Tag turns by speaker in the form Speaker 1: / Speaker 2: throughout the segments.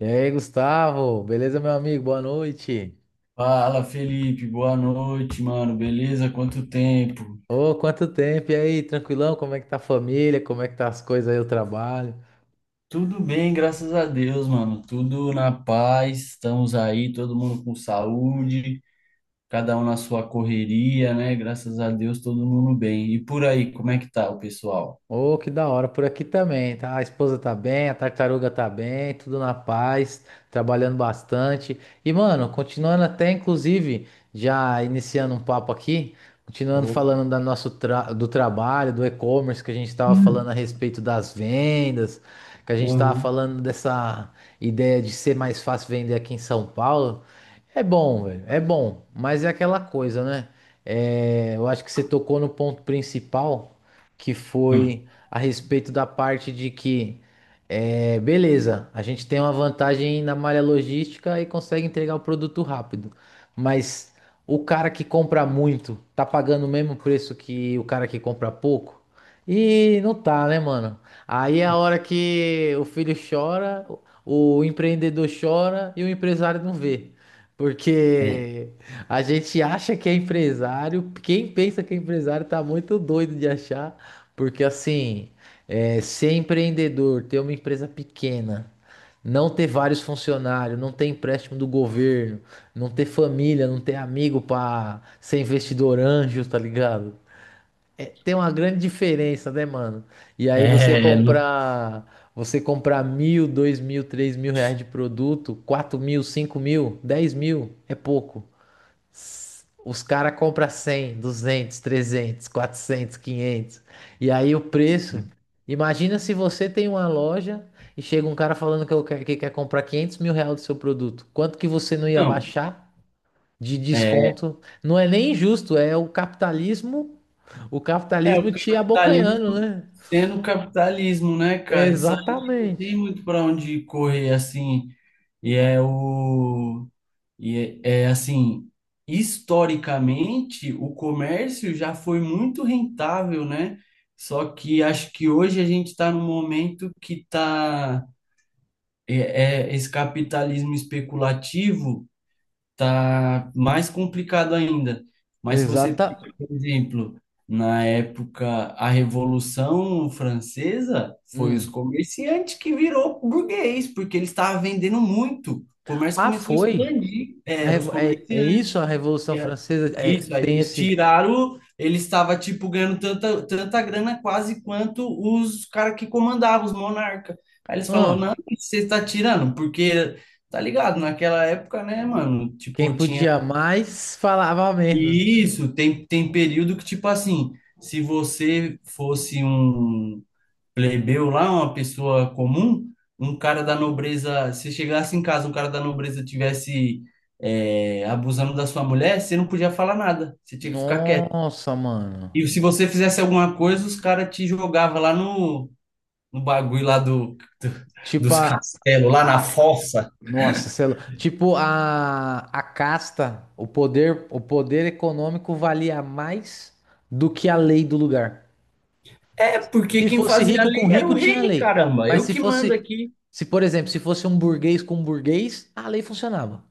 Speaker 1: E aí, Gustavo? Beleza, meu amigo? Boa noite.
Speaker 2: Fala, Felipe, boa noite, mano. Beleza? Quanto tempo?
Speaker 1: Ô, quanto tempo! E aí, tranquilão? Como é que tá a família? Como é que tá as coisas aí, o trabalho?
Speaker 2: Tudo bem, graças a Deus, mano. Tudo na paz. Estamos aí, todo mundo com saúde, cada um na sua correria, né? Graças a Deus, todo mundo bem. E por aí, como é que tá o pessoal?
Speaker 1: Ô, que da hora, por aqui também, tá? A esposa tá bem, a tartaruga tá bem, tudo na paz, trabalhando bastante. E, mano, continuando até, inclusive, já iniciando um papo aqui, continuando
Speaker 2: Opa.
Speaker 1: falando do trabalho, do e-commerce, que a gente tava
Speaker 2: Hum.
Speaker 1: falando a respeito das vendas, que a gente tava
Speaker 2: Uhum.
Speaker 1: falando dessa ideia de ser mais fácil vender aqui em São Paulo. É bom, velho, é bom, mas é aquela coisa, né? É, eu acho que você tocou no ponto principal que
Speaker 2: Hum.
Speaker 1: foi a respeito da parte de que, é, beleza, a gente tem uma vantagem na malha logística e consegue entregar o produto rápido, mas o cara que compra muito tá pagando o mesmo preço que o cara que compra pouco? E não tá, né, mano? Aí é a hora que o filho chora, o empreendedor chora e o empresário não vê.
Speaker 2: É,
Speaker 1: Porque a gente acha que é empresário, quem pensa que é empresário tá muito doido de achar porque assim, é, ser empreendedor, ter uma empresa pequena, não ter vários funcionários, não ter empréstimo do governo, não ter família, não ter amigo pra ser investidor anjo, tá ligado? É, tem uma grande diferença, né, mano? E aí você
Speaker 2: é, não.
Speaker 1: comprar, você comprar 1.000, 2.000, 3.000 reais de produto, 4.000, 5.000, 10.000, é pouco. Os caras compram 100, 200, 300, 400, 500. E aí o preço. Imagina se você tem uma loja e chega um cara falando que, que quer comprar 500.000 reais do seu produto. Quanto que você não ia
Speaker 2: Então,
Speaker 1: baixar de
Speaker 2: é,
Speaker 1: desconto? Não é nem injusto, é o
Speaker 2: É,
Speaker 1: capitalismo
Speaker 2: o
Speaker 1: te abocanhando,
Speaker 2: capitalismo
Speaker 1: né?
Speaker 2: sendo capitalismo, né, cara? Isso aí não tem
Speaker 1: Exatamente.
Speaker 2: muito para onde correr, assim. E é o. E é, assim, historicamente, o comércio já foi muito rentável, né? Só que acho que hoje a gente está num momento que tá. É, esse capitalismo especulativo tá mais complicado ainda. Mas se você
Speaker 1: Exata.
Speaker 2: pega, por exemplo, na época a Revolução Francesa, foi os
Speaker 1: Hum.
Speaker 2: comerciantes que virou burguês, porque eles estavam vendendo muito. O comércio
Speaker 1: Ah,
Speaker 2: começou a
Speaker 1: foi.
Speaker 2: expandir, era os
Speaker 1: É,
Speaker 2: comerciantes.
Speaker 1: isso a Revolução
Speaker 2: E a-
Speaker 1: Francesa? É,
Speaker 2: Isso, aí
Speaker 1: tem
Speaker 2: eles
Speaker 1: esse.
Speaker 2: tiraram, eles estavam tipo ganhando tanta, tanta grana quase quanto os caras que comandavam, os monarcas. Aí eles falaram, não,
Speaker 1: Hã?
Speaker 2: o você está tirando, porque. Tá ligado? Naquela época, né, mano?
Speaker 1: Quem
Speaker 2: Tipo, tinha
Speaker 1: podia mais falava menos.
Speaker 2: isso. Tem período que, tipo assim, se você fosse um plebeu lá, uma pessoa comum, um cara da nobreza, se chegasse em casa, um cara da nobreza tivesse abusando da sua mulher, você não podia falar nada. Você tinha que ficar quieto.
Speaker 1: Nossa, mano.
Speaker 2: E se você fizesse alguma coisa, os caras te jogavam lá no bagulho lá do-
Speaker 1: Tipo
Speaker 2: dos
Speaker 1: a,
Speaker 2: castelos, lá na
Speaker 1: a
Speaker 2: fossa.
Speaker 1: nossa, sei lá. Tipo a casta, o poder econômico valia mais do que a lei do lugar.
Speaker 2: É, porque
Speaker 1: Se
Speaker 2: quem
Speaker 1: fosse
Speaker 2: fazia a
Speaker 1: rico com
Speaker 2: lei era
Speaker 1: rico,
Speaker 2: o
Speaker 1: tinha
Speaker 2: rei,
Speaker 1: lei.
Speaker 2: caramba.
Speaker 1: Mas
Speaker 2: Eu
Speaker 1: se
Speaker 2: que mando
Speaker 1: fosse,
Speaker 2: aqui.
Speaker 1: se por exemplo, se fosse um burguês com burguês, a lei funcionava.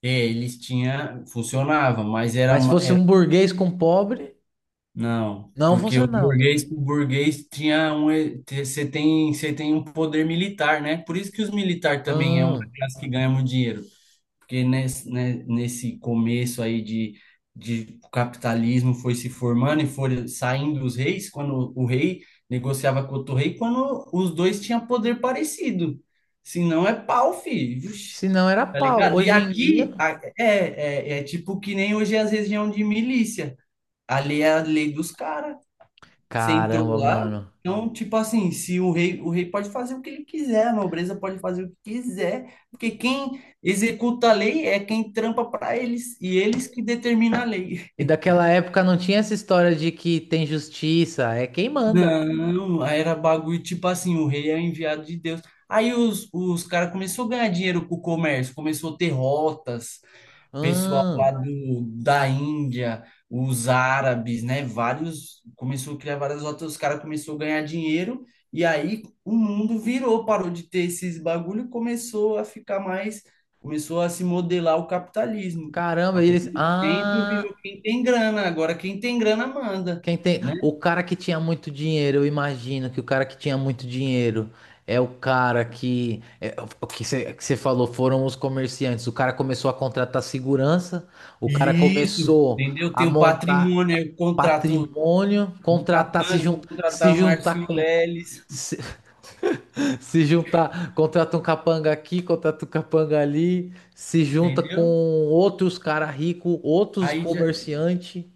Speaker 2: É, eles tinham, funcionava, mas era,
Speaker 1: Mas se fosse
Speaker 2: era
Speaker 1: um burguês com pobre,
Speaker 2: não,
Speaker 1: não
Speaker 2: porque o
Speaker 1: funcionava.
Speaker 2: burguês, o burguês tinha um, você tem um poder militar, né? Por isso que os militares também é uma
Speaker 1: Ah,
Speaker 2: classe que ganha muito dinheiro. Porque nesse, né, nesse começo aí de, o capitalismo foi se formando e foram saindo os reis, quando o rei negociava com outro rei, quando os dois tinham poder parecido. Se não é pau, filho. Vixe!
Speaker 1: se não era
Speaker 2: Tá
Speaker 1: pau.
Speaker 2: ligado? E
Speaker 1: Hoje em
Speaker 2: aqui
Speaker 1: dia,
Speaker 2: é, é, tipo que nem hoje as regiões de milícia. Ali é a lei dos caras. Você entrou
Speaker 1: caramba,
Speaker 2: lá,
Speaker 1: mano.
Speaker 2: então, tipo assim, se o rei, o rei pode fazer o que ele quiser, a nobreza pode fazer o que quiser, porque quem executa a lei é quem trampa para eles, e eles que determinam a lei.
Speaker 1: E daquela época não tinha essa história de que tem justiça, é quem manda.
Speaker 2: Não, aí era bagulho, tipo assim, o rei é o enviado de Deus. Aí os caras começaram a ganhar dinheiro com o comércio, começou a ter rotas, pessoal
Speaker 1: Ah,
Speaker 2: lá da Índia, os árabes, né? Vários começou a criar várias rotas, os caras começou a ganhar dinheiro e aí o mundo virou, parou de ter esses bagulho, e começou a ficar mais, começou a se modelar o capitalismo.
Speaker 1: caramba,
Speaker 2: Aí
Speaker 1: eles.
Speaker 2: o centro
Speaker 1: Ah,
Speaker 2: virou quem tem grana, agora quem tem grana manda,
Speaker 1: quem tem.
Speaker 2: né?
Speaker 1: O cara que tinha muito dinheiro, eu imagino que o cara que tinha muito dinheiro é o cara que. É, o que você falou foram os comerciantes. O cara começou a contratar segurança, o cara
Speaker 2: Isso,
Speaker 1: começou
Speaker 2: entendeu?
Speaker 1: a
Speaker 2: Tem o
Speaker 1: montar
Speaker 2: patrimônio, aí eu contrato
Speaker 1: patrimônio,
Speaker 2: um
Speaker 1: contratar,
Speaker 2: capanga, vou
Speaker 1: se
Speaker 2: contratar o Márcio
Speaker 1: juntar com.
Speaker 2: Leles,
Speaker 1: Se, se juntar, contrata um capanga aqui, contrata um capanga ali, se junta com
Speaker 2: entendeu?
Speaker 1: outros cara rico, outros
Speaker 2: Aí já,
Speaker 1: comerciante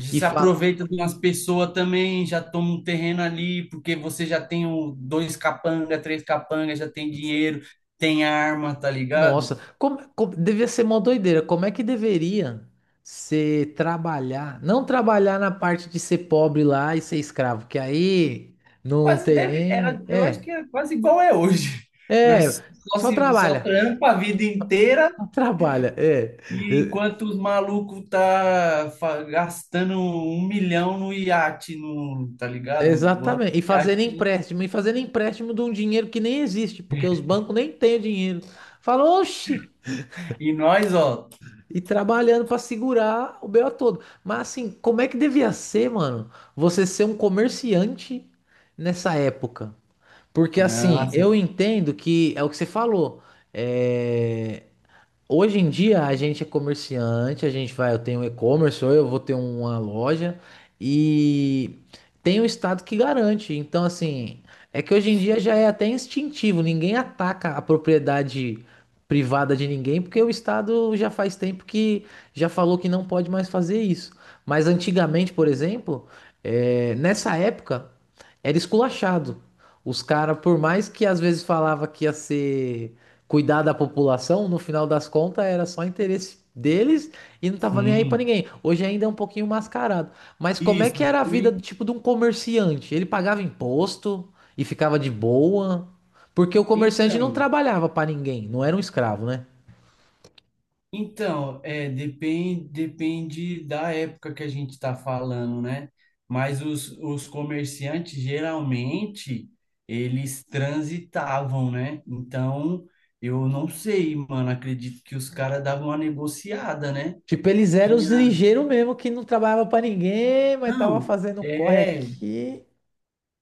Speaker 2: Já
Speaker 1: e
Speaker 2: se
Speaker 1: fala:
Speaker 2: aproveita de umas pessoas também, já toma um terreno ali, porque você já tem um, dois capanga, três capanga, já tem dinheiro, tem arma, tá ligado?
Speaker 1: nossa, devia ser uma doideira. Como é que deveria ser trabalhar? Não trabalhar na parte de ser pobre lá e ser escravo, que aí não
Speaker 2: Quase
Speaker 1: tem
Speaker 2: deve, era,
Speaker 1: nem.
Speaker 2: eu acho que era quase igual é hoje.
Speaker 1: É,
Speaker 2: Nós só
Speaker 1: só
Speaker 2: se só
Speaker 1: trabalha,
Speaker 2: trampa a vida inteira
Speaker 1: só trabalha. É,
Speaker 2: e enquanto os malucos tá gastando 1 milhão no iate, no, tá ligado? Voando
Speaker 1: exatamente.
Speaker 2: de iate.
Speaker 1: E fazendo empréstimo de um dinheiro que nem existe, porque os bancos nem têm o dinheiro. Fala, oxi!
Speaker 2: E nós, ó,
Speaker 1: E trabalhando para segurar o BO todo. Mas assim, como é que devia ser, mano, você ser um comerciante nessa época? Porque assim,
Speaker 2: nossa,
Speaker 1: eu entendo que é o que você falou. É, hoje em dia a gente é comerciante, a gente vai, eu tenho um e-commerce ou eu vou ter uma loja e tem o estado que garante. Então, assim, é que hoje em dia já é até instintivo, ninguém ataca a propriedade privada de ninguém, porque o estado já faz tempo que já falou que não pode mais fazer isso. Mas antigamente, por exemplo, nessa época era esculachado. Os caras, por mais que às vezes falava que ia ser cuidar da população, no final das contas era só interesse deles e não tava nem aí pra
Speaker 2: sim,
Speaker 1: ninguém. Hoje ainda é um pouquinho mascarado. Mas como é que
Speaker 2: isso,
Speaker 1: era a vida
Speaker 2: fui,
Speaker 1: do tipo de um comerciante? Ele pagava imposto e ficava de boa, porque o comerciante não
Speaker 2: então.
Speaker 1: trabalhava pra ninguém, não era um escravo, né?
Speaker 2: Então, é, depende da época que a gente está falando, né? Mas os comerciantes, geralmente, eles transitavam, né? Então, eu não sei, mano, acredito que os caras davam uma negociada, né?
Speaker 1: Tipo, eles eram os
Speaker 2: Tinha...
Speaker 1: ligeiros mesmo que não trabalhava pra ninguém, mas tava
Speaker 2: Não,
Speaker 1: fazendo corre
Speaker 2: é,
Speaker 1: aqui.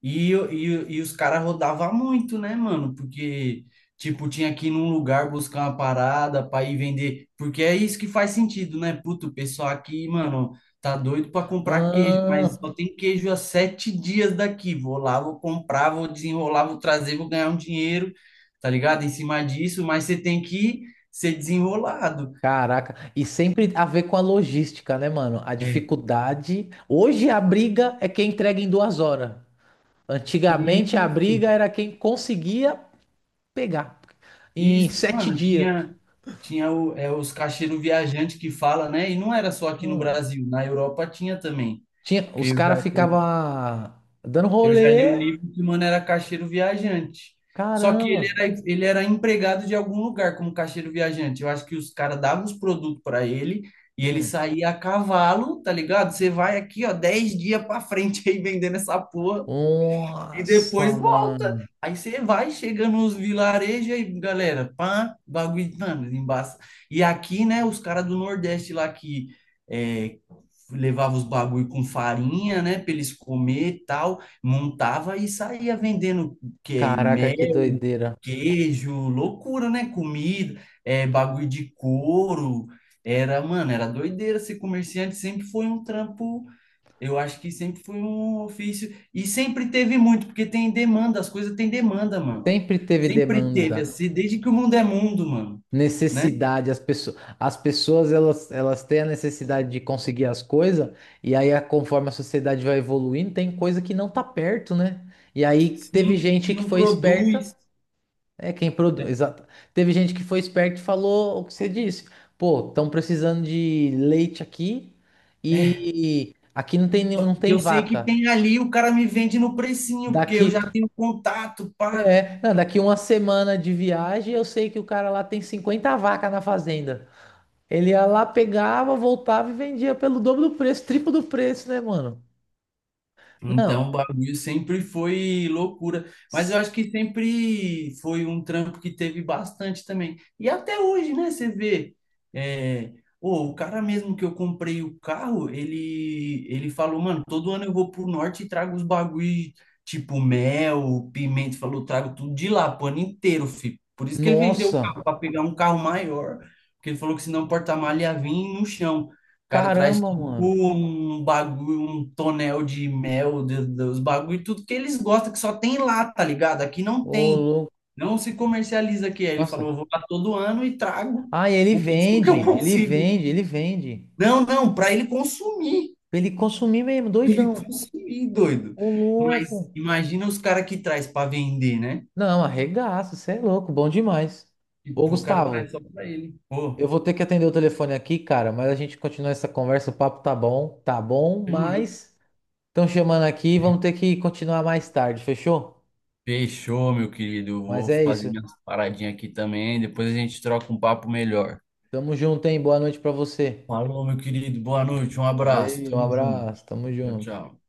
Speaker 2: E os caras rodavam muito, né, mano? Porque, tipo, tinha que ir num lugar buscar uma parada pra ir vender. Porque é isso que faz sentido, né? Puto, o pessoal aqui, mano, tá doido pra comprar queijo, mas
Speaker 1: Ah,
Speaker 2: só tem queijo há 7 dias daqui. Vou lá, vou comprar, vou desenrolar, vou trazer, vou ganhar um dinheiro, tá ligado? Em cima disso, mas você tem que ser desenrolado.
Speaker 1: caraca, e sempre a ver com a logística, né, mano? A
Speaker 2: É.
Speaker 1: dificuldade. Hoje a briga é quem entrega em 2 horas. Antigamente a
Speaker 2: Isso.
Speaker 1: briga era quem conseguia pegar
Speaker 2: E,
Speaker 1: em
Speaker 2: isso,
Speaker 1: sete
Speaker 2: mano,
Speaker 1: dias.
Speaker 2: tinha, tinha o, os caixeiros viajantes que fala, né? E não era só aqui no
Speaker 1: Hum.
Speaker 2: Brasil, na Europa tinha também.
Speaker 1: Tinha,
Speaker 2: Porque
Speaker 1: os
Speaker 2: eu já,
Speaker 1: caras ficavam dando
Speaker 2: eu já li um
Speaker 1: rolê.
Speaker 2: livro que, mano, era caixeiro viajante. Só que
Speaker 1: Caramba.
Speaker 2: ele era empregado de algum lugar como caixeiro viajante. Eu acho que os caras davam os produtos para ele e ele
Speaker 1: Hum.
Speaker 2: saía a cavalo, tá ligado? Você vai aqui, ó, 10 dias para frente aí vendendo essa porra. E
Speaker 1: Nossa,
Speaker 2: depois volta.
Speaker 1: mano.
Speaker 2: Aí você vai, chega nos vilarejos aí, galera, pá, bagulho, mano, embaça. E aqui, né, os caras do Nordeste lá que é, levava os bagulho com farinha, né, pra eles comer e tal, montava e saía vendendo que
Speaker 1: Caraca, que
Speaker 2: mel,
Speaker 1: doideira.
Speaker 2: queijo, loucura, né, comida, bagulho de couro. Era, mano, era doideira. Ser comerciante sempre foi um trampo, eu acho que sempre foi um ofício e sempre teve muito, porque tem demanda, as coisas têm demanda, mano.
Speaker 1: Sempre teve
Speaker 2: Sempre teve
Speaker 1: demanda.
Speaker 2: assim, desde que o mundo é mundo, mano, né?
Speaker 1: Necessidade, as pessoas elas têm a necessidade de conseguir as coisas, conforme a sociedade vai evoluindo, tem coisa que não tá perto, né? E aí teve
Speaker 2: Sim, que
Speaker 1: gente que
Speaker 2: não
Speaker 1: foi esperta,
Speaker 2: produz.
Speaker 1: é quem produz, exato. Teve gente que foi esperta e falou o que você disse. Pô, estão precisando de leite aqui e aqui não tem nenhum, não
Speaker 2: E
Speaker 1: tem
Speaker 2: eu sei que
Speaker 1: vaca.
Speaker 2: tem ali, o cara me vende no precinho, porque eu
Speaker 1: Daqui,
Speaker 2: já tenho contato, pá.
Speaker 1: é, não, daqui uma semana de viagem, eu sei que o cara lá tem 50 vacas na fazenda. Ele ia lá, pegava, voltava e vendia pelo dobro do preço, triplo do preço, né, mano? Não.
Speaker 2: Então, o bagulho sempre foi loucura, mas eu
Speaker 1: S-
Speaker 2: acho que sempre foi um trampo que teve bastante também. E até hoje, né, você vê, é, ô, o cara mesmo que eu comprei o carro, ele falou, mano, todo ano eu vou pro norte e trago os bagulho, tipo mel, pimenta, falou, trago tudo de lá, pro ano inteiro, filho. Por isso que ele vendeu o carro,
Speaker 1: Nossa,
Speaker 2: para pegar um carro maior, porque ele falou que senão o porta-malha ia vir no chão. O cara traz
Speaker 1: caramba,
Speaker 2: tipo
Speaker 1: mano.
Speaker 2: um bagulho, um tonel de mel, os bagulho, tudo que eles gostam, que só tem lá, tá ligado? Aqui não
Speaker 1: Ô,
Speaker 2: tem.
Speaker 1: louco.
Speaker 2: Não se comercializa aqui. Aí ele falou,
Speaker 1: Nossa.
Speaker 2: eu vou lá todo ano e trago
Speaker 1: Ah, e ele
Speaker 2: o máximo que
Speaker 1: vende,
Speaker 2: eu
Speaker 1: ele
Speaker 2: consigo.
Speaker 1: vende, ele vende.
Speaker 2: Não, não, para ele consumir.
Speaker 1: Pra ele consumir mesmo,
Speaker 2: Pra ele
Speaker 1: doidão.
Speaker 2: consumir, doido.
Speaker 1: Ô,
Speaker 2: Mas
Speaker 1: louco.
Speaker 2: imagina os caras que traz para vender, né?
Speaker 1: Não, arregaça, você é louco, bom demais. Ô,
Speaker 2: Tipo, o cara
Speaker 1: Gustavo,
Speaker 2: traz só para ele.
Speaker 1: eu
Speaker 2: Pô,
Speaker 1: vou ter que atender o telefone aqui, cara, mas a gente continua essa conversa, o papo tá bom,
Speaker 2: demorou.
Speaker 1: mas estão chamando aqui, vamos ter que continuar mais tarde, fechou?
Speaker 2: Fechou, meu querido. Eu
Speaker 1: Mas
Speaker 2: vou
Speaker 1: é
Speaker 2: fazer
Speaker 1: isso.
Speaker 2: minhas paradinhas aqui também. Depois a gente troca um papo melhor.
Speaker 1: Tamo junto, hein? Boa noite pra você.
Speaker 2: Alô, meu querido, boa noite, um abraço,
Speaker 1: Valeu, um
Speaker 2: tamo junto.
Speaker 1: abraço. Tamo
Speaker 2: Tchau,
Speaker 1: junto.
Speaker 2: tchau.